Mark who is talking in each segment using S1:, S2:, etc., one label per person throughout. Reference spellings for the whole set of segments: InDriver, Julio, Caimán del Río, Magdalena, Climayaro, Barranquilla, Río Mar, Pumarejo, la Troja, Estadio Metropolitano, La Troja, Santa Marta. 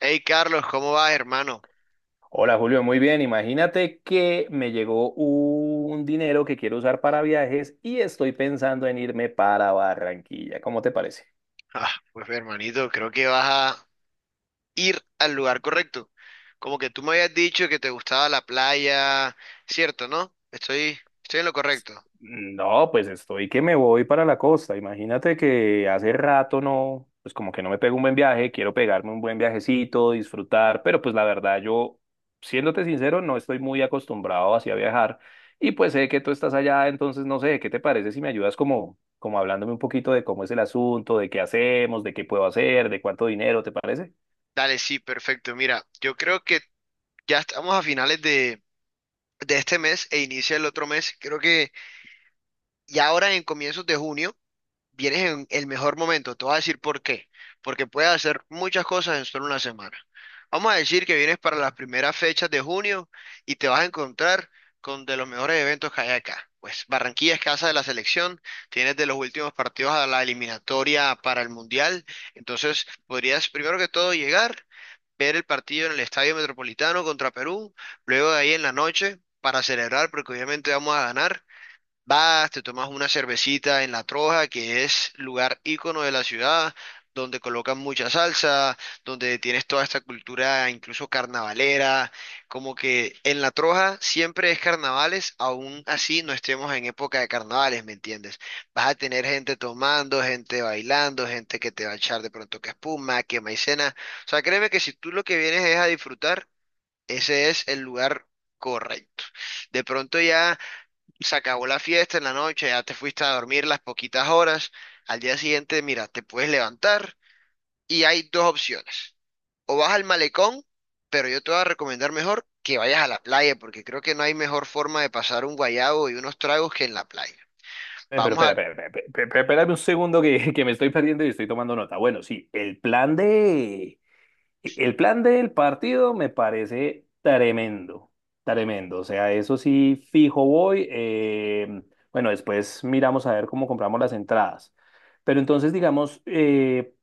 S1: Hey Carlos, ¿cómo vas, hermano?
S2: Hola Julio, muy bien. Imagínate que me llegó un dinero que quiero usar para viajes y estoy pensando en irme para Barranquilla. ¿Cómo te parece?
S1: Ah, pues hermanito, creo que vas a ir al lugar correcto. Como que tú me habías dicho que te gustaba la playa, ¿cierto, no? Estoy en lo correcto.
S2: No, pues estoy que me voy para la costa. Imagínate que hace rato no, pues como que no me pego un buen viaje, quiero pegarme un buen viajecito, disfrutar, pero pues la verdad yo, siéndote sincero, no estoy muy acostumbrado así a viajar y pues sé que tú estás allá, entonces no sé, ¿qué te parece si me ayudas como hablándome un poquito de cómo es el asunto, de qué hacemos, de qué puedo hacer, de cuánto dinero, ¿te parece?
S1: Dale, sí, perfecto. Mira, yo creo que ya estamos a finales de este mes e inicia el otro mes. Creo que ya ahora en comienzos de junio vienes en el mejor momento. Te voy a decir por qué. Porque puedes hacer muchas cosas en solo una semana. Vamos a decir que vienes para las primeras fechas de junio y te vas a encontrar con de los mejores eventos que hay acá. Pues Barranquilla es casa de la selección, tienes de los últimos partidos a la eliminatoria para el Mundial, entonces podrías primero que todo llegar, ver el partido en el Estadio Metropolitano contra Perú, luego de ahí en la noche para celebrar, porque obviamente vamos a ganar. Vas, te tomas una cervecita en La Troja, que es lugar ícono de la ciudad, donde colocan mucha salsa, donde tienes toda esta cultura incluso carnavalera, como que en La Troja siempre es carnavales, aún así no estemos en época de carnavales, ¿me entiendes? Vas a tener gente tomando, gente bailando, gente que te va a echar de pronto que espuma, que maicena. O sea, créeme que si tú lo que vienes es a disfrutar, ese es el lugar correcto. De pronto ya se acabó la fiesta en la noche, ya te fuiste a dormir las poquitas horas, al día siguiente, mira, te puedes levantar y hay dos opciones. O vas al malecón, pero yo te voy a recomendar mejor que vayas a la playa, porque creo que no hay mejor forma de pasar un guayabo y unos tragos que en la playa.
S2: Pero
S1: Vamos a
S2: espérame un segundo que, que me estoy perdiendo y estoy tomando nota. Bueno, sí, el plan de... El plan del partido me parece tremendo. O sea, eso sí, fijo voy. Bueno, después miramos a ver cómo compramos las entradas. Pero entonces, digamos,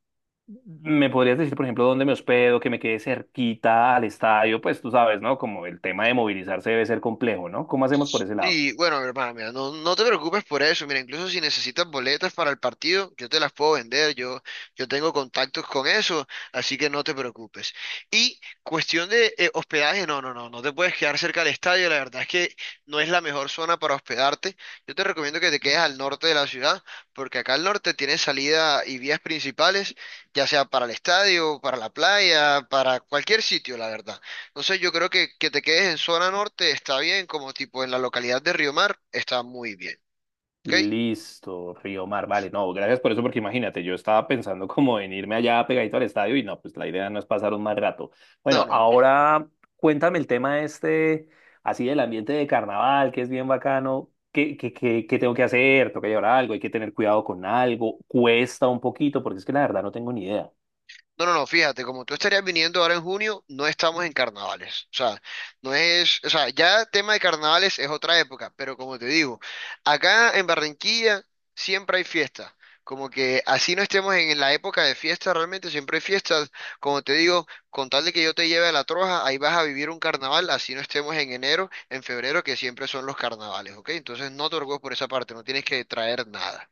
S2: ¿me podrías decir, por ejemplo, dónde me hospedo, que me quede cerquita al estadio? Pues tú sabes, ¿no? Como el tema de movilizarse debe ser complejo, ¿no? ¿Cómo hacemos por ese lado?
S1: Sí, bueno, mi hermana, mira, no, no te preocupes por eso. Mira, incluso si necesitas boletas para el partido, yo te las puedo vender. Yo tengo contactos con eso, así que no te preocupes. Y cuestión de hospedaje, no, no, no, no te puedes quedar cerca del estadio. La verdad es que no es la mejor zona para hospedarte. Yo te recomiendo que te quedes al norte de la ciudad, porque acá al norte tienes salida y vías principales, ya sea para el estadio, para la playa, para cualquier sitio, la verdad. Entonces yo creo que te quedes en zona norte está bien, como tipo en la localidad de Río Mar, está muy bien. ¿Ok?
S2: Listo, Río Mar, vale, no, gracias por eso, porque imagínate, yo estaba pensando como en irme allá pegadito al estadio y no, pues la idea no es pasar un mal rato.
S1: No,
S2: Bueno,
S1: no, no.
S2: ahora cuéntame el tema este, así del ambiente de carnaval, que es bien bacano, ¿qué tengo que hacer? ¿Tengo que llevar algo? ¿Hay que tener cuidado con algo? ¿Cuesta un poquito? Porque es que la verdad no tengo ni idea.
S1: No, no, no, fíjate, como tú estarías viniendo ahora en junio, no estamos en carnavales. O sea, no es, o sea, ya tema de carnavales es otra época, pero como te digo, acá en Barranquilla siempre hay fiestas. Como que así no estemos en la época de fiesta, realmente siempre hay fiestas. Como te digo, con tal de que yo te lleve a La Troja, ahí vas a vivir un carnaval, así no estemos en enero, en febrero, que siempre son los carnavales, ¿ok? Entonces no te preocupes por esa parte, no tienes que traer nada.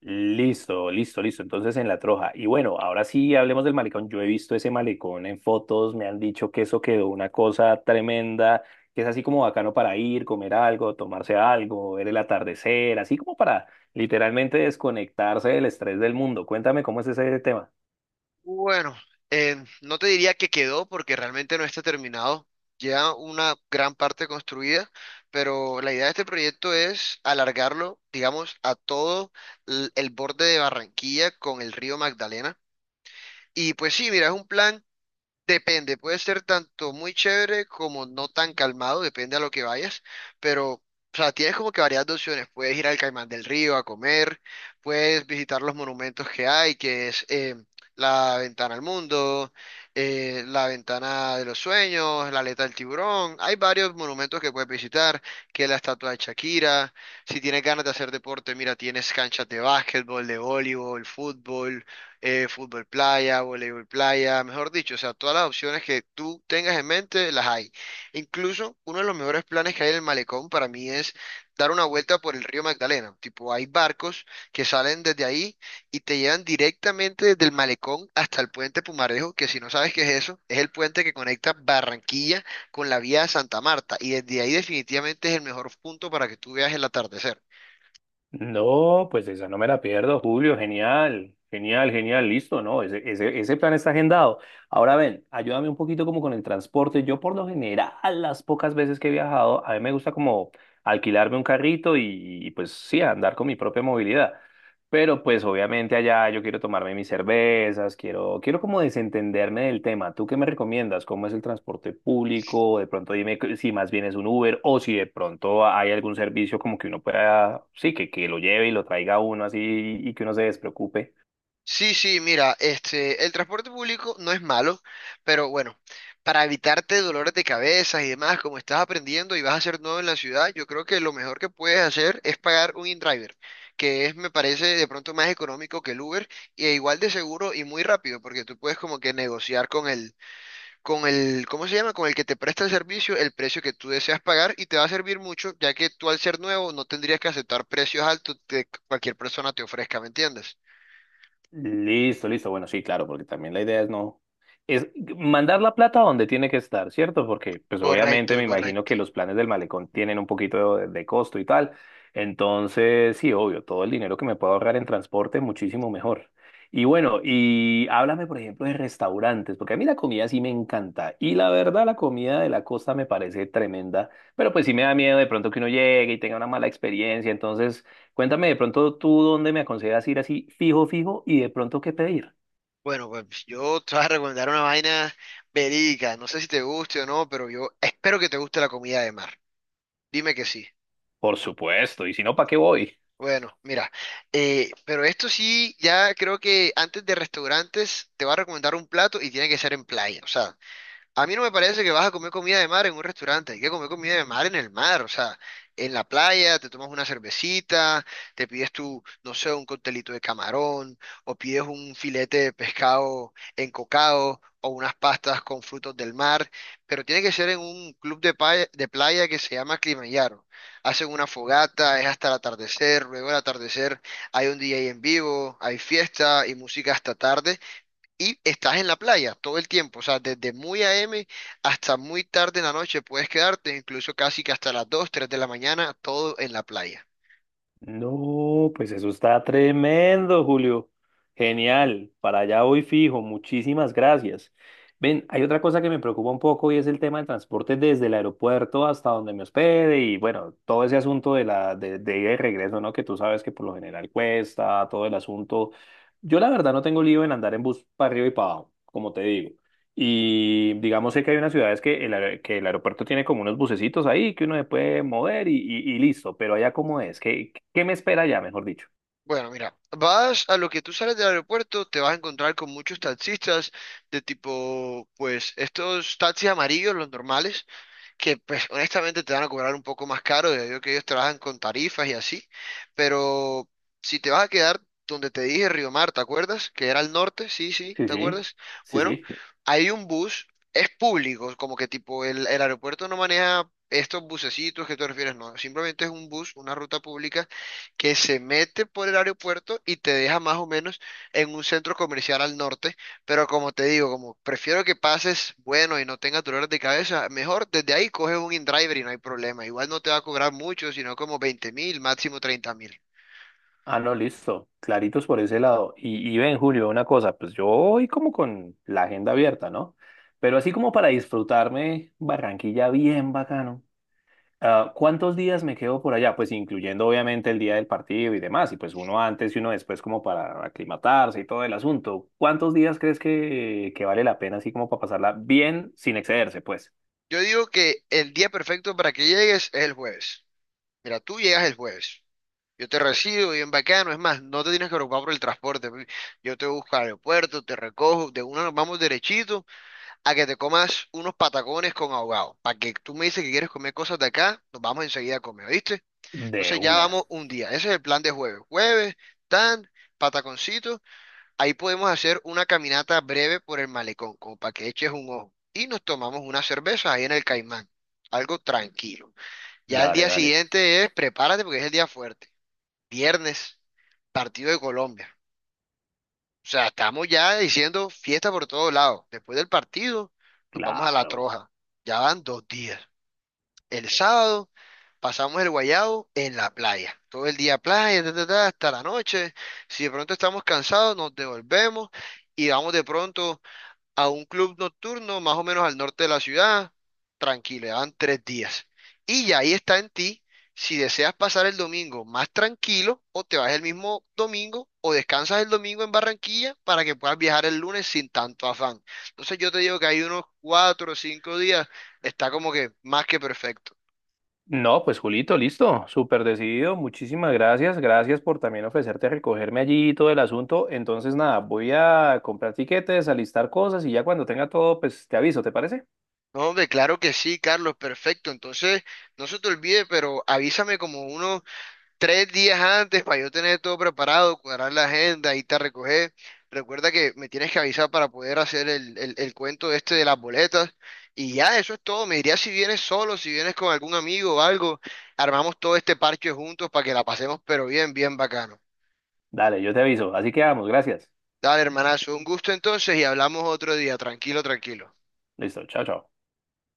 S2: Listo. Entonces en la Troja. Y bueno, ahora sí hablemos del malecón. Yo he visto ese malecón en fotos, me han dicho que eso quedó una cosa tremenda, que es así como bacano para ir, comer algo, tomarse algo, ver el atardecer, así como para literalmente desconectarse del estrés del mundo. Cuéntame cómo es ese tema.
S1: Bueno, eh, no te diría que quedó porque realmente no está terminado. Ya una gran parte construida, pero la idea de este proyecto es alargarlo, digamos, a todo el borde de Barranquilla con el río Magdalena. Y pues sí, mira, es un plan. Depende, puede ser tanto muy chévere como no tan calmado, depende a lo que vayas, pero, o sea, tienes como que varias opciones, puedes ir al Caimán del Río a comer, puedes visitar los monumentos que hay, que es la ventana al mundo, la ventana de los sueños, la aleta del tiburón, hay varios monumentos que puedes visitar, que es la estatua de Shakira. Si tienes ganas de hacer deporte, mira, tienes canchas de básquetbol, de voleibol, fútbol playa, voleibol playa, mejor dicho, o sea, todas las opciones que tú tengas en mente las hay. Incluso uno de los mejores planes que hay en el malecón para mí es dar una vuelta por el río Magdalena. Tipo, hay barcos que salen desde ahí y te llevan directamente desde el malecón hasta el puente Pumarejo, que si no sabes qué es eso, es el puente que conecta Barranquilla con la vía de Santa Marta, y desde ahí definitivamente es el mejor punto para que tú veas el atardecer.
S2: No, pues esa no me la pierdo, Julio, genial, genial, genial, listo, ¿no? Ese plan está agendado. Ahora ven, ayúdame un poquito como con el transporte. Yo por lo general, las pocas veces que he viajado, a mí me gusta como alquilarme un carrito pues sí, andar con mi propia movilidad. Pero pues obviamente allá yo quiero tomarme mis cervezas, quiero como desentenderme del tema. ¿Tú qué me recomiendas? ¿Cómo es el transporte público? De pronto dime que- si más bien es un Uber o si de pronto hay algún servicio como que uno pueda, sí, que lo lleve y lo traiga a uno así y que uno se despreocupe.
S1: Sí, sí, mira, el transporte público no es malo, pero bueno, para evitarte dolores de cabeza y demás, como estás aprendiendo y vas a ser nuevo en la ciudad, yo creo que lo mejor que puedes hacer es pagar un InDriver, que es, me parece, de pronto más económico que el Uber y e igual de seguro y muy rápido, porque tú puedes como que negociar con el, ¿cómo se llama? Con el que te presta el servicio, el precio que tú deseas pagar, y te va a servir mucho, ya que tú al ser nuevo no tendrías que aceptar precios altos que cualquier persona te ofrezca, ¿me entiendes?
S2: Listo, listo. Bueno, sí, claro, porque también la idea es no, es mandar la plata donde tiene que estar, ¿cierto? Porque, pues obviamente
S1: Correcto,
S2: me imagino
S1: correcto.
S2: que los planes del malecón tienen un poquito de costo y tal. Entonces, sí, obvio, todo el dinero que me puedo ahorrar en transporte, muchísimo mejor. Y bueno, y háblame, por ejemplo, de restaurantes, porque a mí la comida sí me encanta. Y la verdad, la comida de la costa me parece tremenda, pero pues sí me da miedo de pronto que uno llegue y tenga una mala experiencia. Entonces... Cuéntame de pronto tú dónde me aconsejas ir así fijo, fijo y de pronto qué pedir.
S1: Bueno, pues yo te voy a recomendar una vaina verídica. No sé si te guste o no, pero yo espero que te guste la comida de mar. Dime que sí.
S2: Por supuesto, y si no, ¿para qué voy?
S1: Bueno, mira, pero esto sí, ya creo que antes de restaurantes te va a recomendar un plato y tiene que ser en playa. O sea, a mí no me parece que vas a comer comida de mar en un restaurante, hay que comer comida de mar en el mar, o sea, en la playa, te tomas una cervecita, te pides tu, no sé, un coctelito de camarón, o pides un filete de pescado encocado, o unas pastas con frutos del mar, pero tiene que ser en un club de playa que se llama Climayaro. Hacen una fogata, es hasta el atardecer, luego del atardecer hay un DJ en vivo, hay fiesta y música hasta tarde y estás en la playa todo el tiempo, o sea, desde muy AM hasta muy tarde en la noche puedes quedarte, incluso casi que hasta las 2 3 de la mañana, todo en la playa.
S2: No, pues eso está tremendo, Julio. Genial, para allá voy fijo, muchísimas gracias. Ven, hay otra cosa que me preocupa un poco y es el tema del transporte desde el aeropuerto hasta donde me hospede y bueno, todo ese asunto de la de ida y regreso, ¿no? Que tú sabes que por lo general cuesta, todo el asunto. Yo la verdad no tengo lío en andar en bus para arriba y para abajo, como te digo. Y digamos sé que hay unas ciudades que que el aeropuerto tiene como unos bucecitos ahí que uno se puede mover y listo, pero allá cómo es, ¿qué me espera allá, mejor dicho?
S1: Bueno, mira, vas a lo que tú sales del aeropuerto, te vas a encontrar con muchos taxistas de tipo, pues, estos taxis amarillos, los normales, que pues honestamente te van a cobrar un poco más caro, ya digo que ellos trabajan con tarifas y así, pero si te vas a quedar donde te dije Río Mar, ¿te acuerdas? Que era al norte, sí, sí,
S2: Sí,
S1: ¿te
S2: sí,
S1: acuerdas?
S2: sí,
S1: Bueno,
S2: sí.
S1: hay un bus, es público, como que tipo el aeropuerto no maneja estos bucecitos que tú refieres, no, simplemente es un bus, una ruta pública que se mete por el aeropuerto y te deja más o menos en un centro comercial al norte, pero como te digo, como prefiero que pases bueno y no tengas dolores de cabeza, mejor desde ahí coges un InDriver y no hay problema. Igual no te va a cobrar mucho, sino como 20.000, máximo 30.000.
S2: Ah, no, listo, claritos por ese lado. Y ven, Julio, una cosa, pues yo voy como con la agenda abierta, ¿no? Pero así como para disfrutarme Barranquilla bien bacano. Ah, ¿cuántos días me quedo por allá? Pues incluyendo obviamente el día del partido y demás, y pues uno antes y uno después como para aclimatarse y todo el asunto. ¿Cuántos días crees que vale la pena así como para pasarla bien sin excederse? Pues
S1: Yo digo que el día perfecto para que llegues es el jueves. Mira, tú llegas el jueves. Yo te recibo bien bacano. Es más, no te tienes que preocupar por el transporte. Pi. Yo te busco al aeropuerto, te recojo. De una nos vamos derechito a que te comas unos patacones con ahogado. Para que tú me dices que quieres comer cosas de acá, nos vamos enseguida a comer, ¿viste?
S2: de
S1: Entonces ya
S2: una.
S1: vamos un día. Ese es el plan de jueves. Jueves, tan, pataconcito. Ahí podemos hacer una caminata breve por el malecón, como para que eches un ojo. Y nos tomamos una cerveza ahí en el Caimán. Algo tranquilo. Ya el
S2: Dale,
S1: día
S2: dale.
S1: siguiente es, prepárate porque es el día fuerte. Viernes, partido de Colombia. O sea, estamos ya diciendo fiesta por todos lados. Después del partido, nos vamos a la
S2: Claro.
S1: troja. Ya van 2 días. El sábado pasamos el guayabo en la playa. Todo el día playa, ta, ta, ta, hasta la noche. Si de pronto estamos cansados, nos devolvemos y vamos de pronto a un club nocturno más o menos al norte de la ciudad. Tranquilo, ya van 3 días. Y ya ahí está en ti si deseas pasar el domingo más tranquilo o te vas el mismo domingo o descansas el domingo en Barranquilla para que puedas viajar el lunes sin tanto afán. Entonces yo te digo que hay unos 4 o 5 días, está como que más que perfecto.
S2: No, pues Julito, listo, súper decidido, muchísimas gracias, gracias por también ofrecerte a recogerme allí y todo el asunto. Entonces, nada, voy a comprar tiquetes, alistar cosas y ya cuando tenga todo, pues te aviso, ¿te parece?
S1: No, hombre, claro que sí, Carlos, perfecto. Entonces, no se te olvide, pero avísame como unos 3 días antes para yo tener todo preparado, cuadrar la agenda y te recoger. Recuerda que me tienes que avisar para poder hacer el cuento este de las boletas. Y ya, eso es todo. Me dirías si vienes solo, si vienes con algún amigo o algo. Armamos todo este parche juntos para que la pasemos, pero bien, bien bacano.
S2: Dale, yo te aviso, así que vamos, gracias.
S1: Dale, hermanazo, un gusto entonces y hablamos otro día. Tranquilo, tranquilo.
S2: Listo, chao, chao.